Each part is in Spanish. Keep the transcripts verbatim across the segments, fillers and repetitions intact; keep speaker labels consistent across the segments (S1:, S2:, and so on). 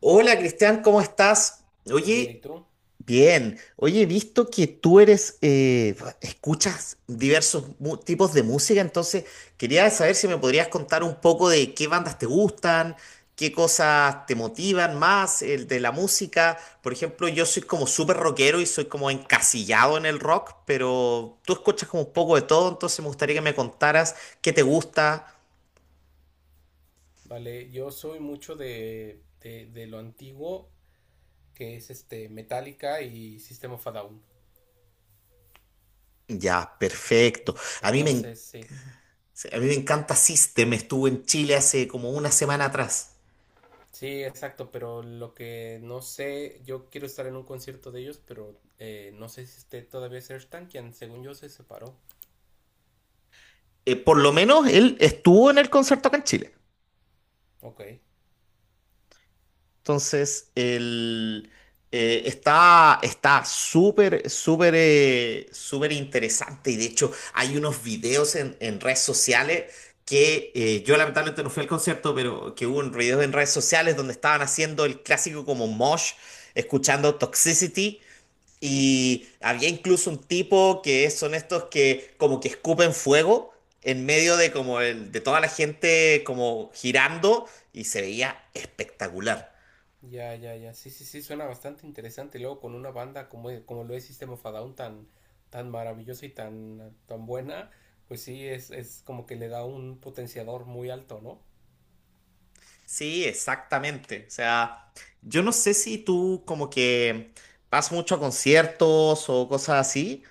S1: Hola Cristian, ¿cómo estás?
S2: Bien, ¿y
S1: Oye,
S2: tú?
S1: bien. Oye, he visto que tú eres, eh, escuchas diversos mu- tipos de música, entonces quería saber si me podrías contar un poco de qué bandas te gustan, qué cosas te motivan más, el de la música. Por ejemplo, yo soy como súper rockero y soy como encasillado en el rock, pero tú escuchas como un poco de todo, entonces me gustaría que me contaras qué te gusta.
S2: Vale, yo soy mucho de, de, de lo antiguo, que es este Metallica y System of a Down.
S1: Ya, perfecto. A mí me
S2: Entonces, sí.
S1: Sí, a mí me encanta System, estuvo en Chile hace como una semana atrás.
S2: Sí, exacto, pero lo que no sé, yo quiero estar en un concierto de ellos, pero eh, no sé si esté todavía Serge Tankian, según yo se separó.
S1: Eh, por lo menos él estuvo en el concierto acá en Chile.
S2: Ok.
S1: Entonces, él eh, está está súper, súper, eh, súper interesante. Y de hecho, hay unos videos en, en redes sociales que eh, yo lamentablemente no fui al concierto, pero que hubo un video en redes sociales donde estaban haciendo el clásico como mosh, escuchando Toxicity. Y había incluso un tipo que son estos que como que escupen fuego en medio
S2: O-
S1: de como el- de toda la gente como girando y se veía espectacular.
S2: Ya, ya, ya. Sí, sí, sí, suena bastante interesante. Y luego con una banda como, como lo es System of a Down tan, tan maravillosa y tan, tan buena, pues sí, es, es como que le da un potenciador muy alto, ¿no?
S1: Sí, exactamente. O sea, yo no sé si tú como que vas mucho a conciertos o cosas así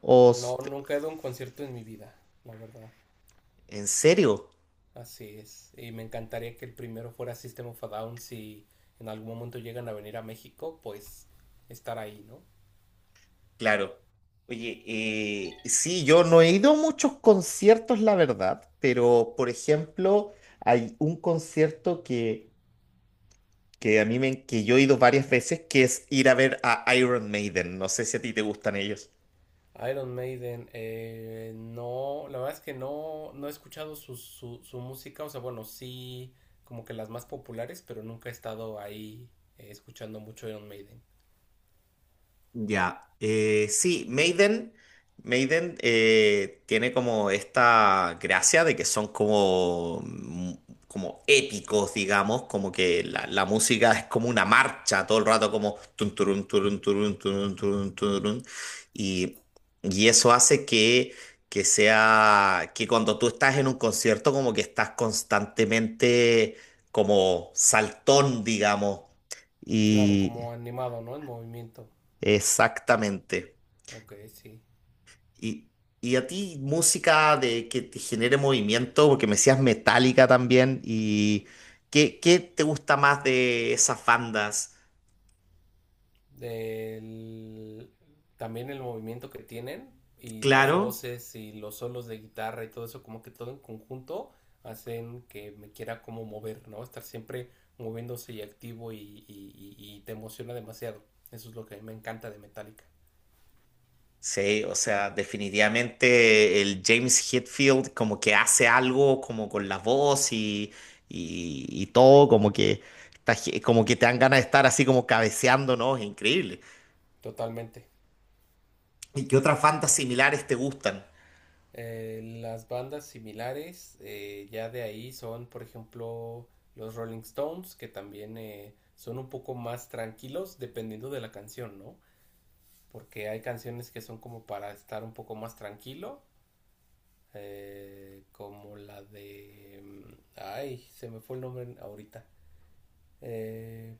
S1: o s-
S2: No, nunca he dado un concierto en mi vida, la verdad.
S1: en serio.
S2: Así es. Y me encantaría que el primero fuera System of a Down si en algún momento llegan a venir a México, pues estar ahí, ¿no?
S1: Claro. Oye, eh, sí, yo no he ido a muchos conciertos, la verdad, pero por ejemplo, hay un concierto que que a mí me, que yo he ido varias veces, que es ir a ver a Iron Maiden. No sé si a ti te gustan ellos.
S2: Iron Maiden, eh, no, la verdad es que no, no he escuchado su, su, su música, o sea, bueno, sí, como que las más populares, pero nunca he estado ahí eh, escuchando mucho Iron Maiden.
S1: Ya, eh, sí, Maiden, Maiden eh, tiene como esta gracia de que son como, mm, como épicos, digamos, como que la, la música es como una marcha todo el rato, como tun, turun, turun, turun, turun, turun, turun, y, y eso hace que, que sea, que cuando tú estás en un concierto como que estás constantemente como saltón, digamos,
S2: Claro,
S1: y
S2: como animado, ¿no? En movimiento.
S1: exactamente.
S2: Ok, sí.
S1: Y, y a ti, música de que te genere movimiento, porque me decías metálica también, y ¿qué, qué te gusta más de esas bandas?
S2: del- También el movimiento que tienen y las
S1: Claro,
S2: voces y los solos de guitarra y todo eso, como que todo en conjunto hacen que me quiera como mover, ¿no? Estar siempre moviéndose y activo y, y- y- y te emociona demasiado. Eso es lo que a mí me encanta de Metallica.
S1: sí, o sea, definitivamente el James Hetfield como que hace algo como con la voz y, y, y todo, como que, está ge- como que te dan ganas de estar así como cabeceando, ¿no? Es increíble.
S2: Totalmente.
S1: ¿Y qué otras bandas similares te gustan?
S2: Eh, las bandas similares, eh, ya de ahí son, por ejemplo, los Rolling Stones, que también eh, son un poco más tranquilos dependiendo de la canción, ¿no? Porque hay canciones que son como para estar un poco más tranquilo, eh, como la de... Ay, se me fue el nombre ahorita. Eh,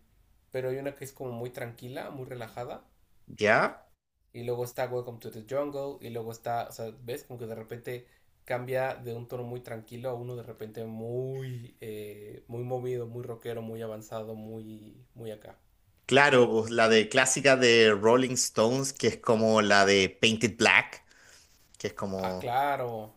S2: pero hay una que es como muy tranquila, muy relajada.
S1: ¿Ya?
S2: Y luego está Welcome to the Jungle. Y luego está, o sea, ves como que de repente cambia de un tono muy tranquilo a uno de repente muy, eh, muy movido, muy rockero, muy avanzado, muy, muy acá.
S1: Claro, pues la de clásica de Rolling Stones, que es como la de Painted Black, que es
S2: Ah,
S1: como,
S2: claro.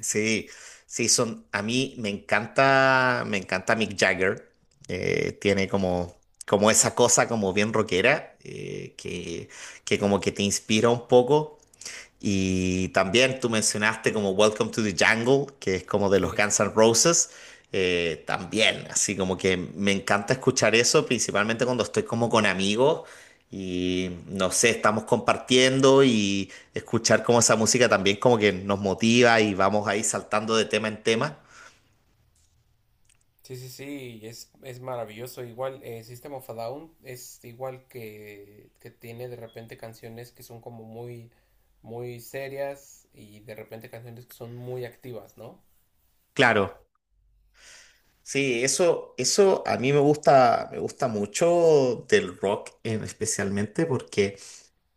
S1: sí, sí, son, a mí me encanta, me encanta Mick Jagger, eh, tiene como, como esa cosa como bien rockera, eh, que, que como que te inspira un poco. Y también tú mencionaste como Welcome to the Jungle, que es como de los
S2: Sí.
S1: Guns N' Roses. eh, también, así como que me encanta escuchar eso, principalmente cuando estoy como con amigos y no sé, estamos compartiendo y escuchar como esa música también como que nos motiva y vamos ahí saltando de tema en tema.
S2: Sí, sí, sí, es, es maravilloso. Igual, eh, System of a Down es igual que, que tiene de repente canciones que son como muy, muy serias y de repente canciones que son muy activas, ¿no?
S1: Claro, sí, eso, eso a mí me gusta, me gusta mucho del rock, eh, especialmente porque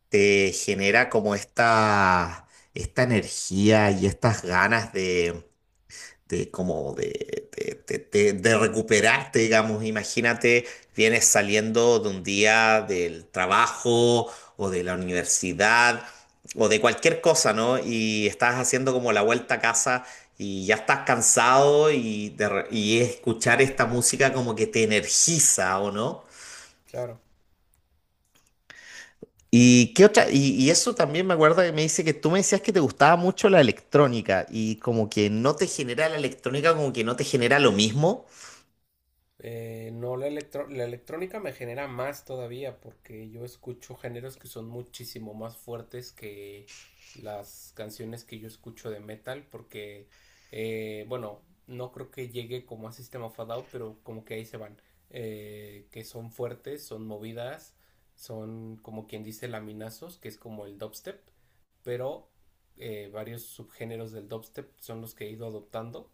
S1: te genera como esta, esta energía y estas ganas de, de como de, de, de- de- de recuperarte, digamos. Imagínate, vienes saliendo de un día del trabajo o de la universidad o de cualquier cosa, ¿no? Y estás haciendo como la vuelta a casa. Y ya estás cansado y, de re- y escuchar esta música como que te energiza, ¿o no?
S2: Claro.
S1: ¿Y qué otra? Y, y eso también me acuerdo que me dice que tú me decías que te gustaba mucho la electrónica y como que no te genera la electrónica, como que no te genera lo mismo.
S2: Eh, no, la, electro- la electrónica me genera más todavía porque yo escucho géneros que son muchísimo más fuertes que las canciones que yo escucho de metal porque, eh, bueno, no creo que llegue como a System of a Down, pero como que ahí se van, eh, que son fuertes, son movidas, son como quien dice laminazos, que es como el dubstep, pero eh, varios subgéneros del dubstep son los que he ido adoptando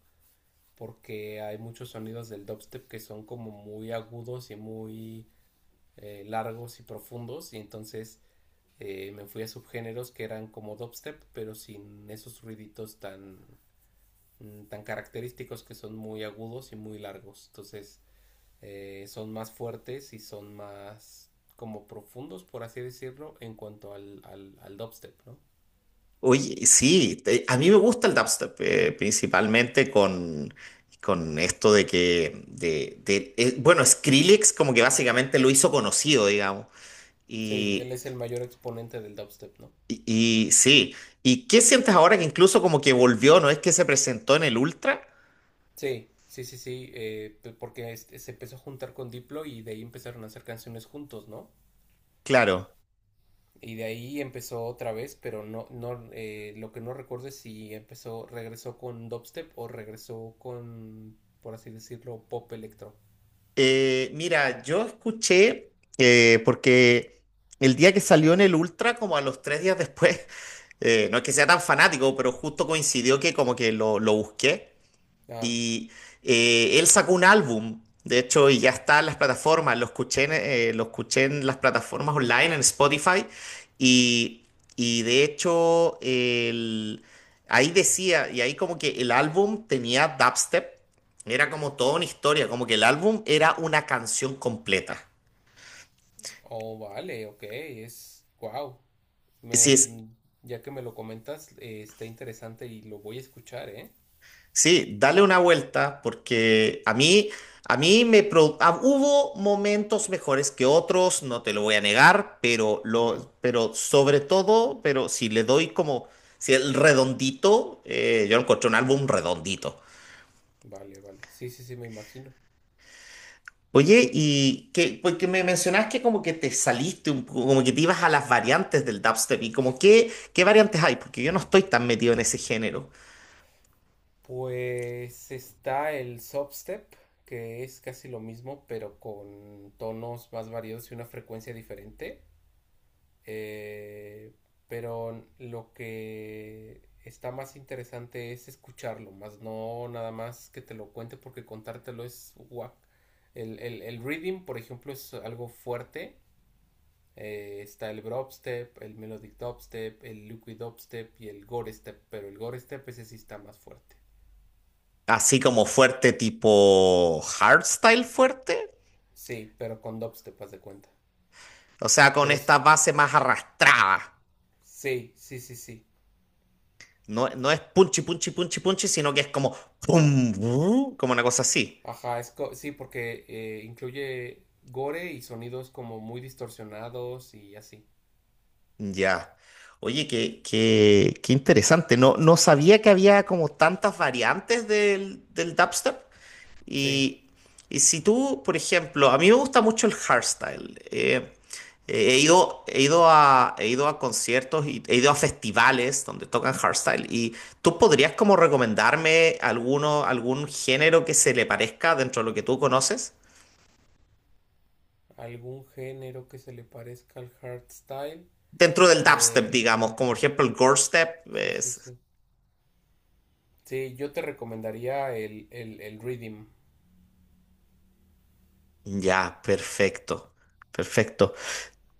S2: porque hay muchos sonidos del dubstep que son como muy agudos y muy eh, largos y profundos y entonces eh, me fui a subgéneros que eran como dubstep pero sin esos ruiditos tan mm, tan característicos que son muy agudos y muy largos, entonces eh, son más fuertes y son más como profundos, por así decirlo, en cuanto al, al, al dubstep, no.
S1: Oye, sí, te- a mí me gusta el dubstep, eh, principalmente con, con esto de que, de, de- eh, bueno, Skrillex como que básicamente lo hizo conocido, digamos.
S2: Sí, él
S1: Y,
S2: es el mayor exponente del dubstep, no.
S1: y, y sí, ¿y qué sientes ahora que incluso como que volvió, no es que se presentó en el Ultra?
S2: Sí, sí, sí, sí, eh, p- porque este, se empezó a juntar con Diplo y de ahí empezaron a hacer canciones juntos, ¿no?
S1: Claro.
S2: Y de ahí empezó otra vez, pero no, no, eh, lo que no recuerdo es si empezó, regresó con dubstep o regresó con, por así decirlo, pop electro.
S1: Eh, mira, yo escuché, eh, porque el día que salió en el Ultra, como a los tres días después, eh, no es que sea tan fanático, pero justo coincidió que como que lo, lo busqué.
S2: Ah,
S1: Y eh, él sacó un álbum, de hecho, y ya está en las plataformas. Lo escuché en, eh, lo escuché en las plataformas online, en Spotify. Y, y de hecho, el- ahí decía, y ahí como que el álbum tenía dubstep. Era como toda una historia, como que el álbum era una canción completa.
S2: oh, vale, ok, es, wow.
S1: Sí,
S2: Me,
S1: es
S2: mm, ya que me lo comentas, eh, está interesante y lo voy a escuchar, ¿eh?
S1: sí, dale una vuelta porque a mí, a mí me pro- ah, hubo momentos mejores que otros, no te lo voy a negar, pero
S2: Ok,
S1: lo, pero sobre todo, pero si le doy como, si el redondito, eh, yo encontré un álbum redondito.
S2: vale, vale. Sí, sí, sí, me imagino.
S1: Oye, y que, porque me mencionás que como que te saliste un poco, como que te ibas a las variantes del dubstep y como qué, qué variantes hay, porque yo no estoy tan metido en ese género.
S2: Pues está el substep, que es casi lo mismo, pero con tonos más variados y una frecuencia diferente. Eh, pero lo que está más interesante es escucharlo, más no nada más que te lo cuente, porque contártelo es guac. El, el, el reading, por ejemplo, es algo fuerte. Eh, está el Brobstep, el Melodic Dubstep, el Liquid Dubstep y el Gore Step, pero el Gore Step ese sí está más fuerte.
S1: Así como fuerte tipo hardstyle fuerte.
S2: Sí, pero con dubstep, haz de cuenta.
S1: O sea, con
S2: Pero
S1: esta
S2: es.
S1: base más arrastrada.
S2: Sí, sí, sí, sí.
S1: No, no es punchi, punchi, punchi, punchi, sino que es como pum, bu, como una cosa así.
S2: Ajá, es co- sí, porque eh, incluye gore y sonidos como muy distorsionados y así.
S1: Ya. Oye, qué, qué, qué interesante. No, no sabía que había como tantas variantes del, del dubstep.
S2: Sí,
S1: Y, y si tú, por ejemplo, a mí me gusta mucho el hardstyle. eh, eh, he ido, he ido a, he ido a conciertos y he ido a festivales donde tocan hardstyle. ¿Y tú podrías como recomendarme alguno, algún género que se le parezca dentro de lo que tú conoces?
S2: algún género que se le parezca al hardstyle.
S1: Dentro del dubstep, digamos,
S2: Eh,
S1: como por ejemplo el gore step.
S2: sí, sí,
S1: Es,
S2: sí. Sí, yo te recomendaría el, el, el Rhythm,
S1: ya, perfecto. Perfecto.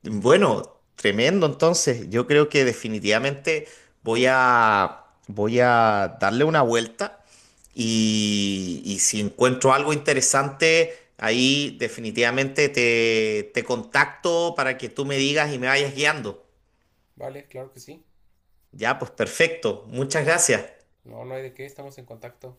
S1: Bueno, tremendo. Entonces, yo creo que definitivamente voy a voy a darle una vuelta y, y si encuentro algo interesante, ahí definitivamente te, te contacto para que tú me digas y me vayas guiando.
S2: ¿vale? Claro que sí.
S1: Ya, pues perfecto. Muchas gracias.
S2: No, no hay de qué, estamos en contacto.